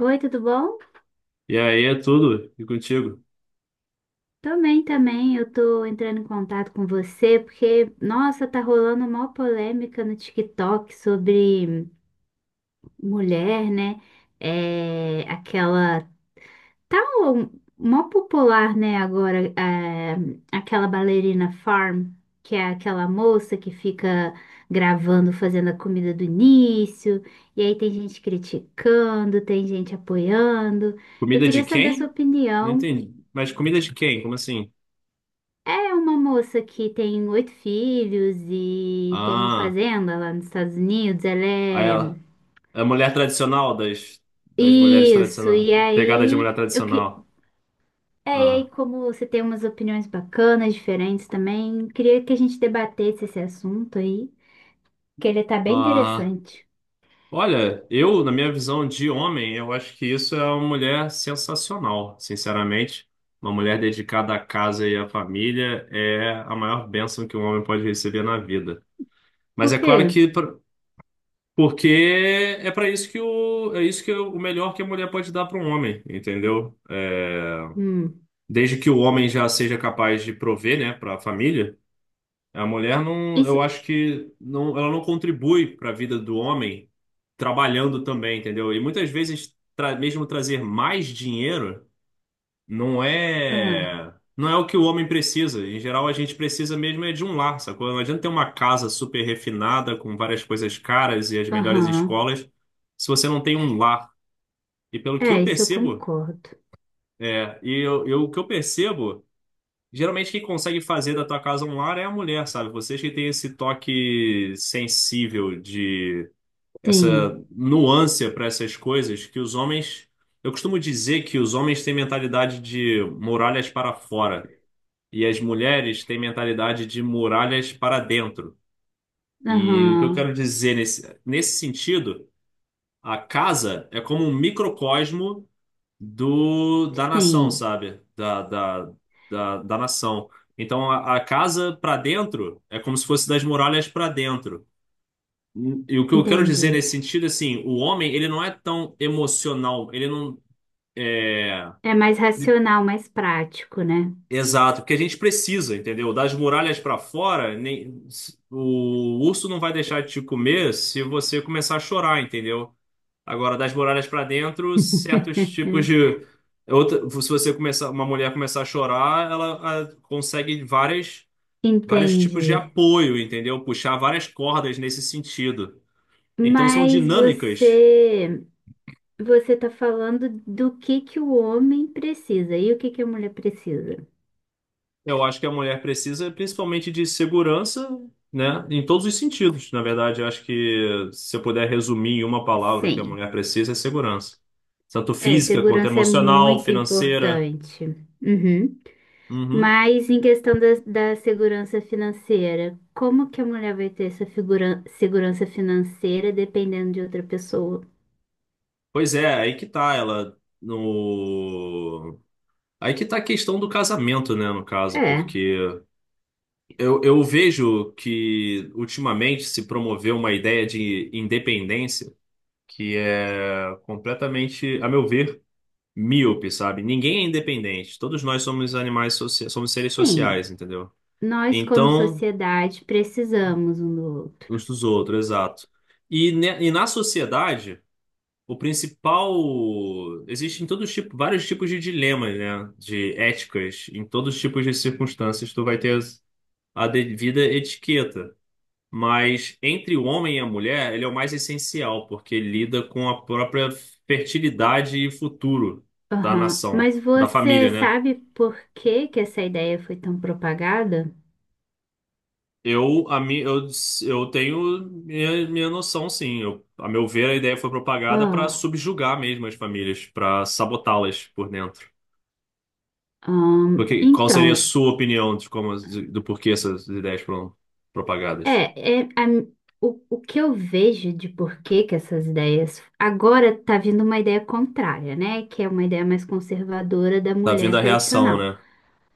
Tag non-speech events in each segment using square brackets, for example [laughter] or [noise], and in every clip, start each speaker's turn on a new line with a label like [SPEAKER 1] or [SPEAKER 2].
[SPEAKER 1] Oi, tudo bom?
[SPEAKER 2] E aí é tudo. E contigo?
[SPEAKER 1] Também, também. Eu tô entrando em contato com você porque, nossa, tá rolando uma polêmica no TikTok sobre mulher, né? É, aquela tal, mó popular, né, agora, é, aquela bailarina Farm, que é aquela moça que fica gravando, fazendo a comida do início, e aí tem gente criticando, tem gente apoiando. Eu
[SPEAKER 2] Comida
[SPEAKER 1] queria
[SPEAKER 2] de
[SPEAKER 1] saber a sua
[SPEAKER 2] quem? Não
[SPEAKER 1] opinião.
[SPEAKER 2] entendi. Mas comida de quem? Como assim?
[SPEAKER 1] É uma moça que tem oito filhos e tem uma
[SPEAKER 2] Ah,
[SPEAKER 1] fazenda lá nos Estados Unidos. Ela
[SPEAKER 2] aí
[SPEAKER 1] é.
[SPEAKER 2] ela. É a mulher tradicional das mulheres
[SPEAKER 1] Isso,
[SPEAKER 2] tradicionais.
[SPEAKER 1] e
[SPEAKER 2] Pegada de
[SPEAKER 1] aí.
[SPEAKER 2] mulher tradicional.
[SPEAKER 1] É, e aí,
[SPEAKER 2] Ah.
[SPEAKER 1] como você tem umas opiniões bacanas, diferentes também, queria que a gente debatesse esse assunto aí, que ele tá bem
[SPEAKER 2] Ah.
[SPEAKER 1] interessante.
[SPEAKER 2] Olha, eu, na minha visão de homem, eu acho que isso é uma mulher sensacional, sinceramente. Uma mulher dedicada à casa e à família é a maior bênção que um homem pode receber na vida. Mas
[SPEAKER 1] Por
[SPEAKER 2] é
[SPEAKER 1] quê?
[SPEAKER 2] claro que pra- Porque é para isso que o é isso que é o melhor que a mulher pode dar para um homem, entendeu? É,
[SPEAKER 1] Hum.
[SPEAKER 2] desde que o homem já seja capaz de prover, né, para a família, a mulher
[SPEAKER 1] E
[SPEAKER 2] não,
[SPEAKER 1] se...
[SPEAKER 2] eu acho que não, ela não contribui para a vida do homem trabalhando também, entendeu? E muitas vezes mesmo trazer mais dinheiro não
[SPEAKER 1] Ah,
[SPEAKER 2] é não é o que o homem precisa. Em geral, a gente precisa mesmo é de um lar, sacou? Não adianta ter uma casa super refinada com várias coisas caras e as melhores
[SPEAKER 1] aham.
[SPEAKER 2] escolas se você não tem um lar. E pelo que
[SPEAKER 1] É,
[SPEAKER 2] eu
[SPEAKER 1] isso eu
[SPEAKER 2] percebo,
[SPEAKER 1] concordo.
[SPEAKER 2] o que eu percebo, geralmente quem consegue fazer da tua casa um lar é a mulher, sabe? Vocês que têm esse toque sensível de essa
[SPEAKER 1] Sim.
[SPEAKER 2] nuance para essas coisas que os homens. Eu costumo dizer que os homens têm mentalidade de muralhas para fora. E as mulheres têm mentalidade de muralhas para dentro. E o que
[SPEAKER 1] Aham.
[SPEAKER 2] eu quero dizer nesse sentido, a casa é como um microcosmo da nação,
[SPEAKER 1] Sim.
[SPEAKER 2] sabe? Da nação. Então, a casa para dentro é como se fosse das muralhas para dentro. E o que eu quero dizer
[SPEAKER 1] Entendi.
[SPEAKER 2] nesse sentido, assim, o homem, ele não é tão emocional, ele não, é,
[SPEAKER 1] É mais racional, mais prático, né?
[SPEAKER 2] Exato, porque a gente precisa, entendeu? Das muralhas para fora, o urso não vai deixar de te comer se você começar a chorar, entendeu? Agora, das muralhas para dentro, certos tipos
[SPEAKER 1] [laughs]
[SPEAKER 2] de outra, se você começar, uma mulher começar a chorar, ela consegue vários tipos de
[SPEAKER 1] Entendi.
[SPEAKER 2] apoio, entendeu? Puxar várias cordas nesse sentido. Então, são
[SPEAKER 1] Mas
[SPEAKER 2] dinâmicas.
[SPEAKER 1] você está falando do que o homem precisa e o que que a mulher precisa?
[SPEAKER 2] Eu acho que a mulher precisa principalmente de segurança, né? Em todos os sentidos. Na verdade, eu acho que se eu puder resumir em uma palavra o que a
[SPEAKER 1] Sim.
[SPEAKER 2] mulher precisa é segurança. Tanto
[SPEAKER 1] É,
[SPEAKER 2] física quanto
[SPEAKER 1] segurança é
[SPEAKER 2] emocional,
[SPEAKER 1] muito
[SPEAKER 2] financeira.
[SPEAKER 1] importante. Uhum.
[SPEAKER 2] Uhum.
[SPEAKER 1] Mas em questão da segurança financeira, como que a mulher vai ter segurança financeira dependendo de outra pessoa?
[SPEAKER 2] Pois é, aí que tá ela no aí que tá a questão do casamento, né, no caso,
[SPEAKER 1] É,
[SPEAKER 2] porque eu vejo que ultimamente se promoveu uma ideia de independência que é completamente, a meu ver, míope, sabe? Ninguém é independente. Todos nós somos animais, somos seres
[SPEAKER 1] sim.
[SPEAKER 2] sociais, entendeu?
[SPEAKER 1] Nós, como
[SPEAKER 2] Então,
[SPEAKER 1] sociedade, precisamos um do outro.
[SPEAKER 2] uns dos outros, exato. E na sociedade, o principal. Existem todos tipo, vários tipos de dilemas, né? De éticas. Em todos os tipos de circunstâncias, tu vai ter a devida etiqueta. Mas entre o homem e a mulher, ele é o mais essencial, porque lida com a própria fertilidade e futuro da
[SPEAKER 1] Aham.
[SPEAKER 2] nação,
[SPEAKER 1] Mas
[SPEAKER 2] da
[SPEAKER 1] você
[SPEAKER 2] família, né?
[SPEAKER 1] sabe por que que essa ideia foi tão propagada?
[SPEAKER 2] Eu, a mi, eu tenho minha noção, sim. Eu, a meu ver, a ideia foi propagada para
[SPEAKER 1] Ah,
[SPEAKER 2] subjugar mesmo as famílias, para sabotá-las por dentro. Porque, qual seria a
[SPEAKER 1] então,
[SPEAKER 2] sua opinião de como, do porquê essas ideias foram propagadas?
[SPEAKER 1] é, é a o que eu vejo de por que que essas ideias. Agora tá vindo uma ideia contrária, né? Que é uma ideia mais conservadora da
[SPEAKER 2] Tá vindo
[SPEAKER 1] mulher
[SPEAKER 2] a reação,
[SPEAKER 1] tradicional.
[SPEAKER 2] né?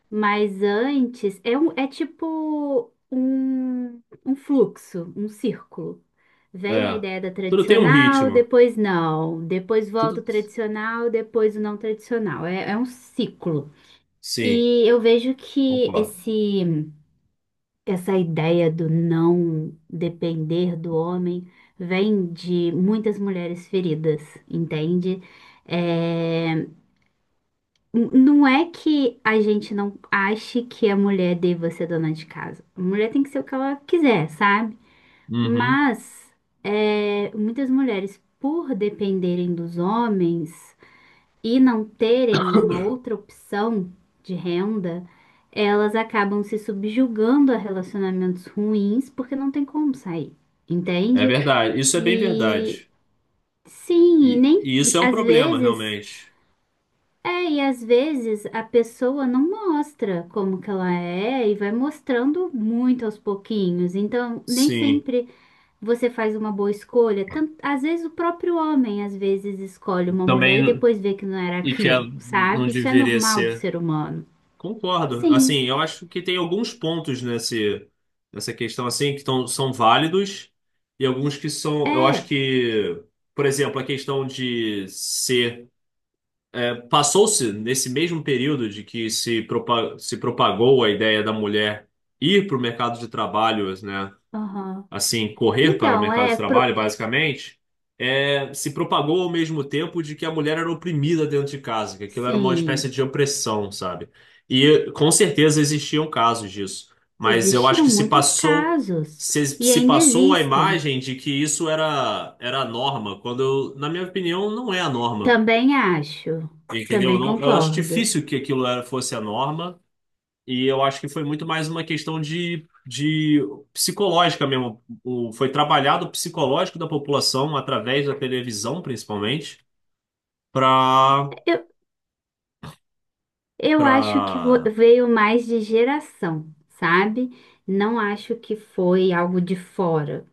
[SPEAKER 1] Mas antes, tipo um fluxo, um círculo. Vem a
[SPEAKER 2] É.
[SPEAKER 1] ideia da
[SPEAKER 2] Tudo tem um
[SPEAKER 1] tradicional,
[SPEAKER 2] ritmo.
[SPEAKER 1] depois não, depois volta
[SPEAKER 2] Tudo.
[SPEAKER 1] o tradicional, depois o não tradicional. É um ciclo.
[SPEAKER 2] Sim,
[SPEAKER 1] E eu vejo que
[SPEAKER 2] concordo.
[SPEAKER 1] essa ideia do não depender do homem vem de muitas mulheres feridas, entende? É, não é que a gente não ache que a mulher deva ser dona de casa. A mulher tem que ser o que ela quiser, sabe?
[SPEAKER 2] Uhum.
[SPEAKER 1] Mas muitas mulheres, por dependerem dos homens e não terem uma outra opção de renda, elas acabam se subjugando a relacionamentos ruins porque não tem como sair,
[SPEAKER 2] É
[SPEAKER 1] entende?
[SPEAKER 2] verdade. Isso é bem
[SPEAKER 1] E
[SPEAKER 2] verdade.
[SPEAKER 1] sim, e
[SPEAKER 2] E,
[SPEAKER 1] nem
[SPEAKER 2] e isso é um
[SPEAKER 1] às
[SPEAKER 2] problema,
[SPEAKER 1] vezes.
[SPEAKER 2] realmente.
[SPEAKER 1] É, e às vezes a pessoa não mostra como que ela é e vai mostrando muito aos pouquinhos. Então, nem
[SPEAKER 2] Sim.
[SPEAKER 1] sempre você faz uma boa escolha. Tanto, às vezes o próprio homem às vezes escolhe uma mulher e
[SPEAKER 2] Também.
[SPEAKER 1] depois vê que não era
[SPEAKER 2] E
[SPEAKER 1] aquilo,
[SPEAKER 2] não
[SPEAKER 1] sabe? Isso é
[SPEAKER 2] deveria
[SPEAKER 1] normal do
[SPEAKER 2] ser.
[SPEAKER 1] ser humano.
[SPEAKER 2] Concordo.
[SPEAKER 1] Sim,
[SPEAKER 2] Assim, eu acho que tem alguns pontos nesse, nessa questão assim que são válidos e alguns que são, eu acho
[SPEAKER 1] é.
[SPEAKER 2] que, por exemplo, a questão de ser passou-se nesse mesmo período de que se propagou a ideia da mulher ir para o mercado de trabalho, né?
[SPEAKER 1] Aham.
[SPEAKER 2] Assim, correr para o
[SPEAKER 1] Então,
[SPEAKER 2] mercado
[SPEAKER 1] é
[SPEAKER 2] de trabalho,
[SPEAKER 1] pro...
[SPEAKER 2] basicamente, se propagou ao mesmo tempo de que a mulher era oprimida dentro de casa, que aquilo era uma espécie
[SPEAKER 1] Sim,
[SPEAKER 2] de opressão, sabe? E com certeza existiam casos disso, mas eu acho
[SPEAKER 1] existiam
[SPEAKER 2] que se
[SPEAKER 1] muitos
[SPEAKER 2] passou
[SPEAKER 1] casos
[SPEAKER 2] se,
[SPEAKER 1] e
[SPEAKER 2] se
[SPEAKER 1] ainda
[SPEAKER 2] passou a
[SPEAKER 1] existem.
[SPEAKER 2] imagem de que isso era a norma, quando eu, na minha opinião não é a norma,
[SPEAKER 1] Também acho.
[SPEAKER 2] entendeu?
[SPEAKER 1] Também
[SPEAKER 2] Não, eu acho
[SPEAKER 1] concordo.
[SPEAKER 2] difícil que aquilo fosse a norma. E eu acho que foi muito mais uma questão de psicológica mesmo. Foi trabalhado o psicológico da população através da televisão, principalmente, para
[SPEAKER 1] Eu acho que vo-
[SPEAKER 2] para
[SPEAKER 1] veio mais de geração, sabe? Não acho que foi algo de fora,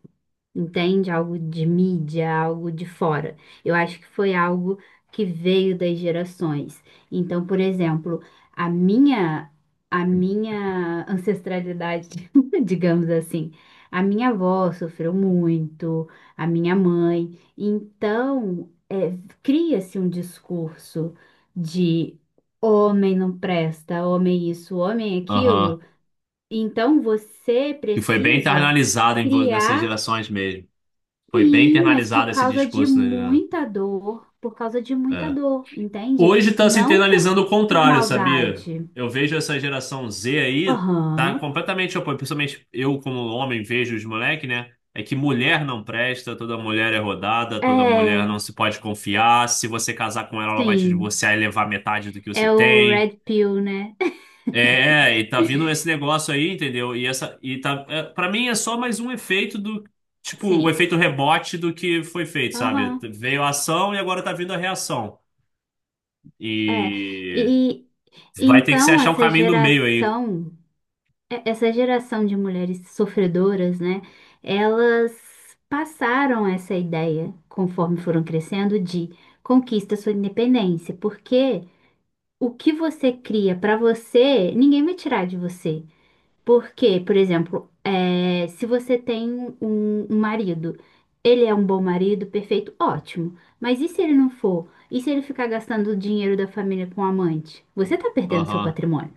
[SPEAKER 1] entende? Algo de mídia, algo de fora. Eu acho que foi algo que veio das gerações. Então, por exemplo, a minha a minha ancestralidade, [laughs] digamos assim, a minha avó sofreu muito, a minha mãe. Então, cria-se um discurso de homem não presta, homem isso, homem
[SPEAKER 2] Aham.
[SPEAKER 1] aquilo. Então, você
[SPEAKER 2] Que foi bem
[SPEAKER 1] precisa
[SPEAKER 2] internalizado nessas
[SPEAKER 1] criar
[SPEAKER 2] gerações mesmo. Foi bem
[SPEAKER 1] sim, mas por
[SPEAKER 2] internalizado esse
[SPEAKER 1] causa de
[SPEAKER 2] discurso, né?
[SPEAKER 1] muita dor, por causa de muita dor, entende?
[SPEAKER 2] Hoje está se
[SPEAKER 1] Não por,
[SPEAKER 2] internalizando o
[SPEAKER 1] por
[SPEAKER 2] contrário, sabia?
[SPEAKER 1] maldade.
[SPEAKER 2] Eu vejo essa geração Z aí, tá
[SPEAKER 1] Aham.
[SPEAKER 2] completamente oposto. Principalmente eu, como homem, vejo os moleques, né? É que mulher não presta, toda mulher é rodada, toda mulher não
[SPEAKER 1] É,
[SPEAKER 2] se pode confiar. Se você casar com ela, ela vai te
[SPEAKER 1] sim.
[SPEAKER 2] divorciar e levar metade do que você
[SPEAKER 1] É o Red
[SPEAKER 2] tem.
[SPEAKER 1] Pill, né? [laughs]
[SPEAKER 2] É, e tá vindo esse negócio aí, entendeu? E essa, e tá, é, Para mim é só mais um efeito do, tipo, um
[SPEAKER 1] Sim.
[SPEAKER 2] efeito rebote do que foi feito, sabe?
[SPEAKER 1] Aham.
[SPEAKER 2] Veio a ação e agora tá vindo a reação.
[SPEAKER 1] É.
[SPEAKER 2] E
[SPEAKER 1] E
[SPEAKER 2] Vai ter que se
[SPEAKER 1] então
[SPEAKER 2] achar um caminho do meio aí.
[SPEAKER 1] essa geração de mulheres sofredoras, né? Elas passaram essa ideia, conforme foram crescendo, de conquista sua independência, porque o que você cria para você, ninguém vai tirar de você. Porque, por exemplo, se você tem um marido, ele é um bom marido, perfeito, ótimo. Mas e se ele não for? E se ele ficar gastando o dinheiro da família com amante? Você tá perdendo seu
[SPEAKER 2] Aham,
[SPEAKER 1] patrimônio,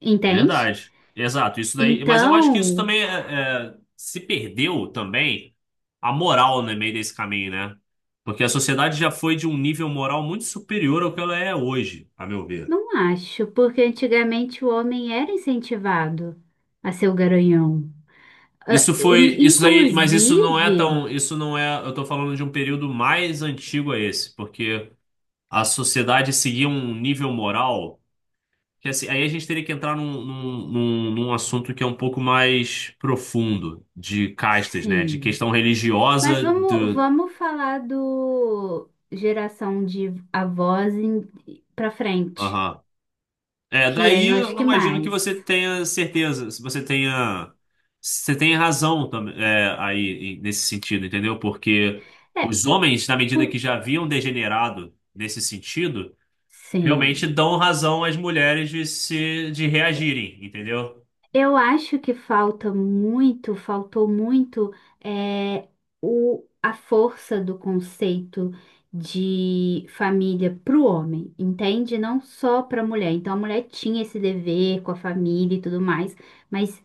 [SPEAKER 1] entende?
[SPEAKER 2] verdade. Exato, isso daí. Mas eu acho que isso
[SPEAKER 1] Então,
[SPEAKER 2] também se perdeu também a moral no meio desse caminho, né? Porque a sociedade já foi de um nível moral muito superior ao que ela é hoje, a meu ver.
[SPEAKER 1] não acho, porque antigamente o homem era incentivado a ser o garanhão. Ah,
[SPEAKER 2] Isso foi,
[SPEAKER 1] in-
[SPEAKER 2] isso daí, mas isso não é
[SPEAKER 1] inclusive,
[SPEAKER 2] tão, isso não é, eu tô falando de um período mais antigo a esse, porque a sociedade seguia um nível moral. Que assim, aí a gente teria que entrar num assunto que é um pouco mais profundo, de castas, né? De
[SPEAKER 1] sim.
[SPEAKER 2] questão
[SPEAKER 1] Mas
[SPEAKER 2] religiosa
[SPEAKER 1] vamos,
[SPEAKER 2] do.
[SPEAKER 1] vamos falar do geração de avós para frente,
[SPEAKER 2] Aham. É,
[SPEAKER 1] que aí
[SPEAKER 2] daí
[SPEAKER 1] eu acho
[SPEAKER 2] eu
[SPEAKER 1] que
[SPEAKER 2] imagino que
[SPEAKER 1] mais.
[SPEAKER 2] você tenha certeza, se você tenha. Você tem razão também, é, aí, nesse sentido, entendeu? Porque
[SPEAKER 1] É,
[SPEAKER 2] os homens, na medida
[SPEAKER 1] por-
[SPEAKER 2] que já haviam degenerado nesse sentido, realmente
[SPEAKER 1] sim.
[SPEAKER 2] dão razão às mulheres de se, de reagirem, entendeu?
[SPEAKER 1] Eu acho que faltou muito é, a força do conceito de família para o homem, entende? Não só para a mulher. Então a mulher tinha esse dever com a família e tudo mais, mas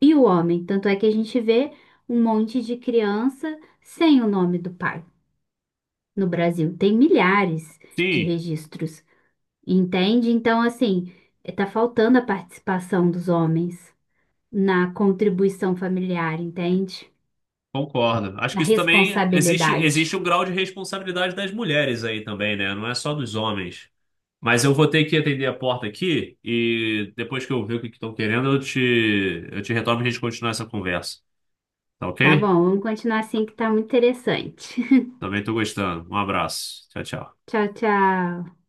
[SPEAKER 1] e o homem, tanto é que a gente vê um monte de criança sem o nome do pai. No Brasil tem milhares de
[SPEAKER 2] Sim,
[SPEAKER 1] registros, entende? Então, assim, está faltando a participação dos homens na contribuição familiar, entende?
[SPEAKER 2] concordo. Acho
[SPEAKER 1] Na
[SPEAKER 2] que isso também existe,
[SPEAKER 1] responsabilidade.
[SPEAKER 2] existe um grau de responsabilidade das mulheres aí também, né? Não é só dos homens. Mas eu vou ter que atender a porta aqui e depois que eu ver o que estão querendo, eu te retorno e a gente continuar essa conversa. Tá
[SPEAKER 1] Tá
[SPEAKER 2] ok?
[SPEAKER 1] bom, vamos continuar assim que tá muito interessante. [laughs]
[SPEAKER 2] Também tô gostando. Um abraço. Tchau, tchau.
[SPEAKER 1] Tchau, tchau.